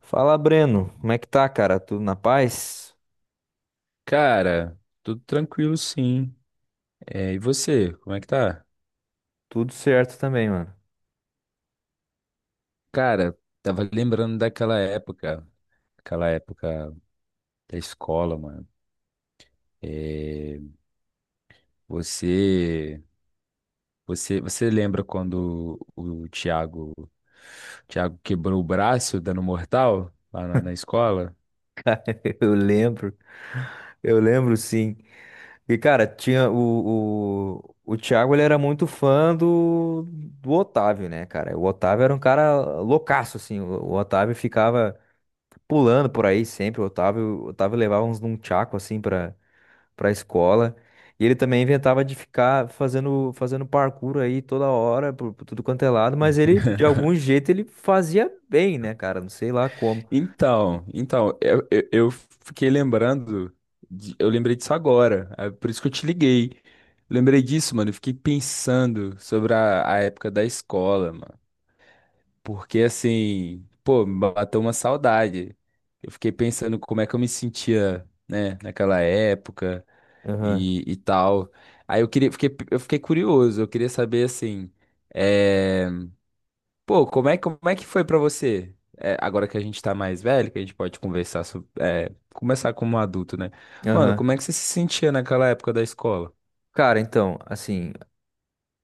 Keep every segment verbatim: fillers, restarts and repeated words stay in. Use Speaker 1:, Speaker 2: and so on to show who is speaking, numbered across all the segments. Speaker 1: Fala, Breno. Como é que tá, cara? Tudo na paz?
Speaker 2: Cara, tudo tranquilo, sim. É, e você, como é que tá?
Speaker 1: Tudo certo também, mano.
Speaker 2: Cara, tava lembrando daquela época, aquela época da escola, mano. É, você, você, você lembra quando o Thiago, o Thiago quebrou o braço dando mortal lá na, na escola?
Speaker 1: Eu lembro, eu lembro sim. E, cara, tinha o, o, o Thiago. Ele era muito fã do, do Otávio, né, cara? O Otávio era um cara loucaço, assim. O, o Otávio ficava pulando por aí sempre. O Otávio, o Otávio levava uns num tchaco, assim, pra, para a escola. E ele também inventava de ficar fazendo, fazendo parkour aí toda hora, por, por tudo quanto é lado, mas ele, de algum jeito, ele fazia bem, né, cara? Não sei lá como.
Speaker 2: Então, então, eu, eu, eu fiquei lembrando, de- eu lembrei disso agora, é por isso que eu te liguei. Lembrei disso, mano, eu fiquei pensando sobre a, a época da escola, mano. Porque assim, pô, me bateu uma saudade. Eu fiquei pensando como é que eu me sentia, né, naquela época
Speaker 1: Aham,
Speaker 2: e, e tal. Aí eu queria, fiquei, eu fiquei curioso, eu queria saber assim, eh, pô, como é, como é que foi pra você? É, agora que a gente tá mais velho, que a gente pode conversar sobre, é, começar como adulto, né? Mano,
Speaker 1: aham.
Speaker 2: como é que você se sentia naquela época da escola?
Speaker 1: Cara, então, assim,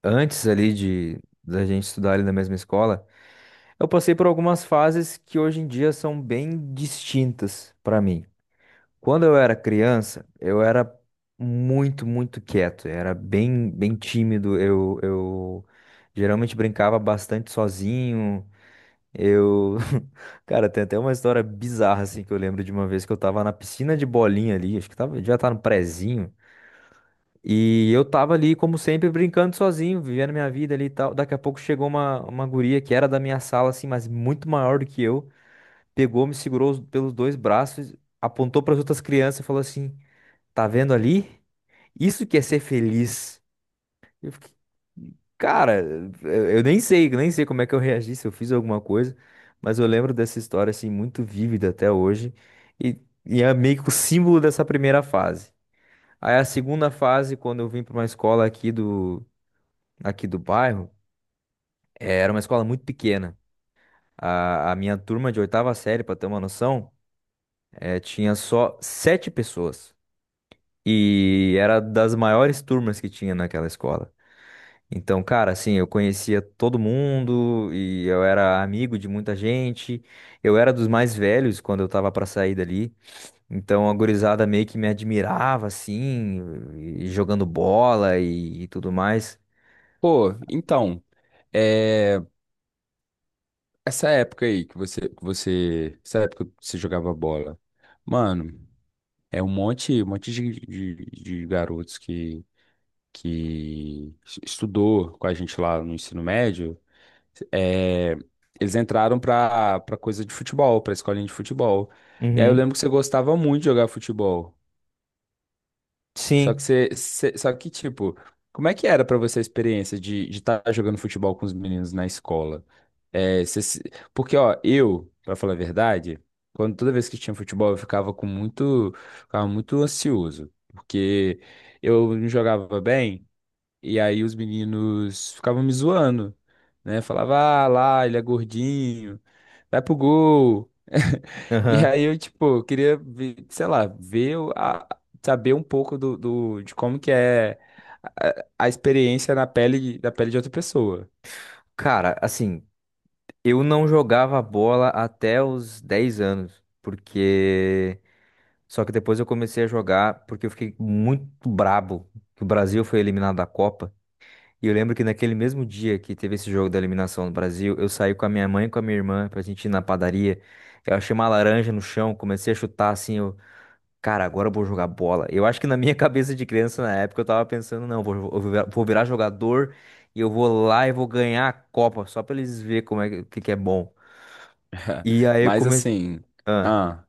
Speaker 1: antes ali de da gente estudar ali na mesma escola, eu passei por algumas fases que hoje em dia são bem distintas para mim. Quando eu era criança, eu era muito, muito quieto, eu era bem, bem tímido, eu, eu geralmente brincava bastante sozinho, eu... Cara, tem até uma história bizarra, assim, que eu lembro de uma vez que eu tava na piscina de bolinha ali, acho que tava, já tá no prezinho, e eu tava ali, como sempre, brincando sozinho, vivendo minha vida ali e tal. Daqui a pouco chegou uma, uma guria que era da minha sala, assim, mas muito maior do que eu, pegou, me segurou os- pelos dois braços, apontou para as outras crianças e falou assim... Tá vendo ali? Isso que é ser feliz. Eu fiquei, cara, eu eu nem sei, eu nem sei como é que eu reagi, se eu fiz alguma coisa, mas eu lembro dessa história assim muito vívida até hoje, e, e é meio que o símbolo dessa primeira fase. Aí a segunda fase, quando eu vim para uma escola aqui do aqui do bairro, eh, era uma escola muito pequena. A, a minha turma de oitava série, para ter uma noção, eh, tinha só sete pessoas. E era das maiores turmas que tinha naquela escola. Então, cara, assim, eu conhecia todo mundo e eu era amigo de muita gente. Eu era dos mais velhos quando eu tava pra sair dali. Então, a gurizada meio que me admirava, assim, e jogando bola e, e tudo mais.
Speaker 2: Pô, então, é, essa época aí que você, que você, essa época que você jogava bola, mano, é um monte, um monte de, de, de garotos que, que es- estudou com a gente lá no ensino médio. É, eles entraram pra, pra coisa de futebol, pra escolinha de futebol. E aí eu
Speaker 1: Uhum.
Speaker 2: lembro que você gostava muito de jogar futebol. Só que
Speaker 1: Sim.
Speaker 2: você, você- só que tipo, como é que era pra você a experiência de de estar jogando futebol com os meninos na escola? É, você se- porque ó, eu, pra falar a verdade, quando toda vez que tinha futebol, eu ficava com muito, ficava muito ansioso, porque eu não jogava bem. E aí os meninos ficavam me zoando, né? Falava, ah, lá, ele é gordinho, vai pro gol. E
Speaker 1: Aham.
Speaker 2: aí eu, tipo, queria ver, sei lá, ver, o- a, saber um pouco do, do- de como que é a, a experiência na pele, da pele de outra pessoa.
Speaker 1: Cara, assim, eu não jogava bola até os dez anos, porque. Só que depois eu comecei a jogar porque eu fiquei muito brabo que o Brasil foi eliminado da Copa. E eu lembro que naquele mesmo dia que teve esse jogo da eliminação no Brasil, eu saí com a minha mãe e com a minha irmã pra gente ir na padaria. Eu achei uma laranja no chão, comecei a chutar assim, eu, cara, agora eu vou jogar bola. Eu acho que na minha cabeça de criança na época eu tava pensando, não, vou, vou virar vou virar jogador, e eu vou lá e vou ganhar a Copa, só pra eles verem como é que, que que é bom. E aí eu
Speaker 2: Mas
Speaker 1: comecei.
Speaker 2: assim,
Speaker 1: Ah,
Speaker 2: ah,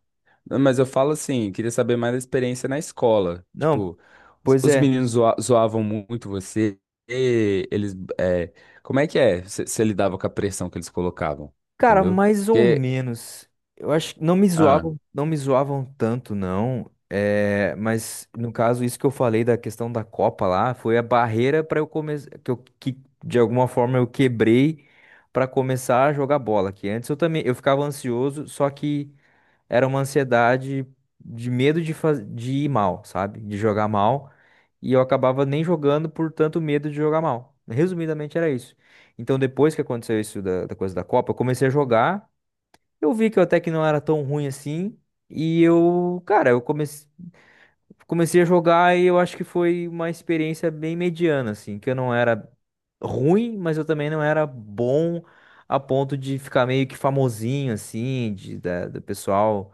Speaker 2: não, mas eu falo assim, queria saber mais da experiência na escola.
Speaker 1: não,
Speaker 2: Tipo, os,
Speaker 1: pois
Speaker 2: os
Speaker 1: é.
Speaker 2: meninos zoa- zoavam muito você, e eles, é, como é que é? Você lidava com a pressão que eles colocavam,
Speaker 1: Cara,
Speaker 2: entendeu?
Speaker 1: mais ou
Speaker 2: Porque,
Speaker 1: menos. Eu acho que não me
Speaker 2: ah,
Speaker 1: zoavam, não me zoavam tanto, não. É, mas no caso, isso que eu falei da questão da Copa lá, foi a barreira para eu começar, que eu que de alguma forma eu quebrei para começar a jogar bola, que antes eu também eu ficava ansioso, só que era uma ansiedade de medo de, faz... de ir mal, sabe? De jogar mal. E eu acabava nem jogando por tanto medo de jogar mal. Resumidamente era isso. Então, depois que aconteceu isso da, da coisa da Copa, eu comecei a jogar. Eu vi que eu até que não era tão ruim assim. E eu, cara, eu comecei, comecei a jogar e eu acho que foi uma experiência bem mediana, assim, que eu não era ruim, mas eu também não era bom a ponto de ficar meio que famosinho, assim, de, da, do pessoal.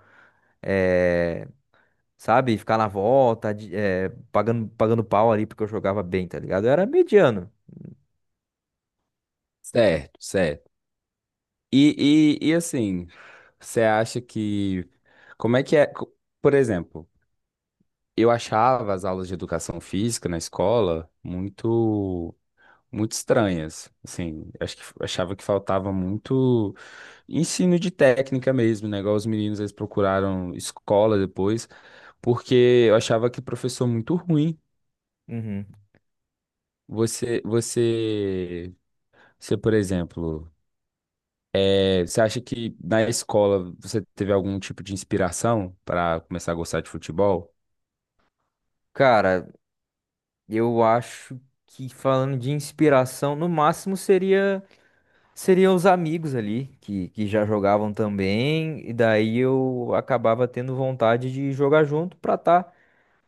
Speaker 1: eh, sabe? Ficar na volta, de- eh, pagando, pagando pau ali porque eu jogava bem, tá ligado? Eu era mediano.
Speaker 2: certo, certo. E, e, e assim, você acha que, como é que é? Co- Por exemplo, eu achava as aulas de educação física na escola muito muito estranhas. Assim, acho que achava que faltava muito ensino de técnica mesmo, né? Igual os meninos, eles procuraram escola depois, porque eu achava que professor muito ruim.
Speaker 1: Uhum.
Speaker 2: Você, você, você, por exemplo, é, você acha que na escola você teve algum tipo de inspiração para começar a gostar de futebol?
Speaker 1: Cara, eu acho que falando de inspiração, no máximo seria seria os amigos ali que, que já jogavam também, e daí eu acabava tendo vontade de jogar junto pra tá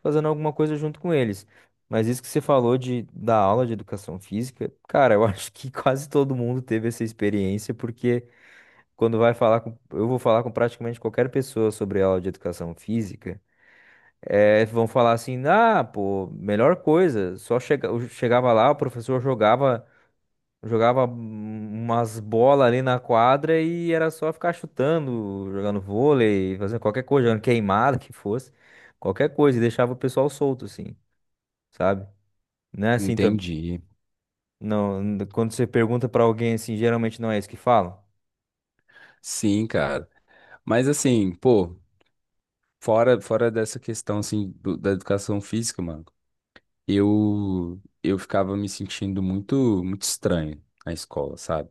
Speaker 1: fazendo alguma coisa junto com eles. Mas isso que você falou de da aula de educação física, cara, eu acho que quase todo mundo teve essa experiência porque quando vai falar com, eu vou falar com praticamente qualquer pessoa sobre aula de educação física, eh, vão falar assim, ah, pô, melhor coisa, só chega, eu chegava lá, o professor jogava, jogava hum, umas bolas ali na quadra e era só ficar chutando, jogando vôlei, fazendo qualquer coisa, jogando queimada que fosse, qualquer coisa, e deixava o pessoal solto, assim, sabe? Não é assim também.
Speaker 2: Entendi.
Speaker 1: Não, n- quando você pergunta pra alguém assim, geralmente não é isso que falam.
Speaker 2: Sim, cara. Mas assim, pô, fora, fora dessa questão assim do- da educação física, mano. eu eu ficava me sentindo muito muito estranho na escola, sabe?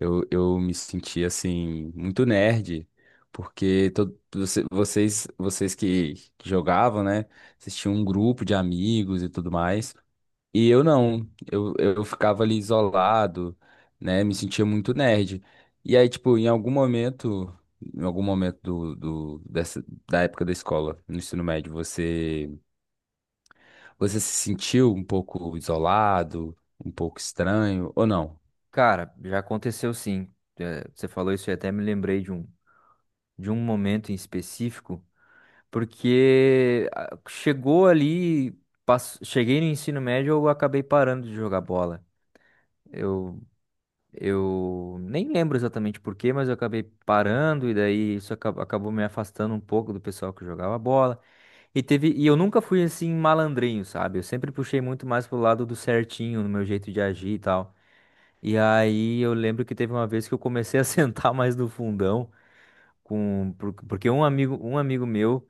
Speaker 2: Eu, eu me sentia assim muito nerd, porque todo, você- vocês vocês que que jogavam, né? Vocês tinham um grupo de amigos e tudo mais. E eu não, eu, eu ficava ali isolado, né? Me sentia muito nerd. E aí, tipo, em algum momento, em algum momento do, do, dessa, da época da escola, no ensino médio, você você se sentiu um pouco isolado, um pouco estranho, ou não?
Speaker 1: Cara, já aconteceu sim. É, você falou isso e até me lembrei de um, de um momento em específico, porque ah, chegou ali, pass- cheguei no ensino médio, eu acabei parando de jogar bola. Eu, eu nem lembro exatamente por quê, mas eu acabei parando e daí isso aca- acabou me afastando um pouco do pessoal que jogava bola. E teve, e eu nunca fui assim malandrinho, sabe? Eu sempre puxei muito mais pro lado do certinho, no meu jeito de agir e tal. E aí eu lembro que teve uma vez que eu comecei a sentar mais no fundão, com, por- porque um amigo, um amigo meu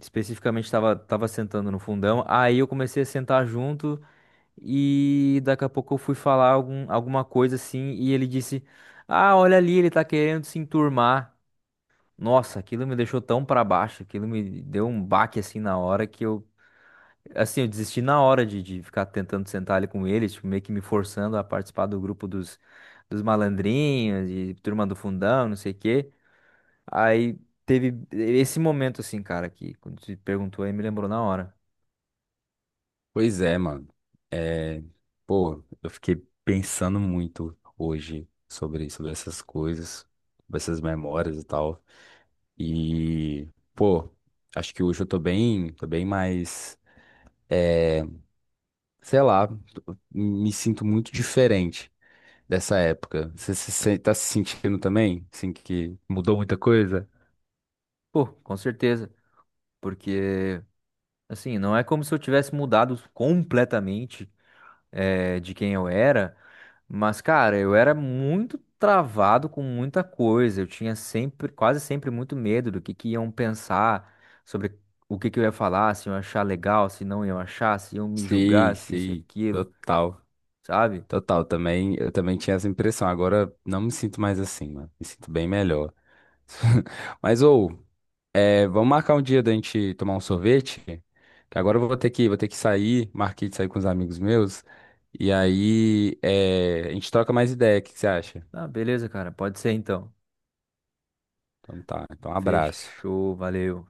Speaker 1: especificamente estava tava tava sentando no fundão, aí eu comecei a sentar junto e daqui a pouco eu fui falar algum, alguma coisa assim e ele disse: Ah, olha ali, ele tá querendo se enturmar. Nossa, aquilo me deixou tão pra baixo, aquilo me deu um baque assim na hora que eu... Assim, eu desisti na hora de, de ficar tentando sentar ali com eles, tipo, meio que me forçando a participar do grupo dos, dos malandrinhos, de turma do fundão, não sei o quê. Aí teve esse momento, assim, cara, que quando você perguntou aí, me lembrou na hora.
Speaker 2: Pois é, mano. É, pô, eu fiquei pensando muito hoje sobre, sobre essas coisas, sobre essas memórias e tal. E, pô, acho que hoje eu tô bem, tô bem mais, é, sei lá, tô- me sinto muito diferente dessa época. Você se, sen- tá se sentindo também? Assim, que mudou muita coisa?
Speaker 1: Pô, com certeza, porque, assim, não é como se eu tivesse mudado completamente, eh, de quem eu era. Mas, cara, eu era muito travado com muita coisa. Eu tinha sempre, quase sempre muito medo do que que iam pensar sobre o que que eu ia falar, se iam achar legal, se não iam achar, se iam me
Speaker 2: Sim,
Speaker 1: julgar, se isso e
Speaker 2: sim,
Speaker 1: aquilo,
Speaker 2: total.
Speaker 1: sabe?
Speaker 2: Total, também, eu também tinha essa impressão. Agora não me sinto mais assim, mano. Me sinto bem melhor. Mas, ou, é, vamos marcar um dia da gente tomar um sorvete? Que agora eu vou ter que, vou ter que sair, marquei de sair com os amigos meus. E aí, é, a gente troca mais ideia, o que que você acha?
Speaker 1: Ah, beleza, cara, pode ser então.
Speaker 2: Então tá, então um abraço.
Speaker 1: Fechou, valeu.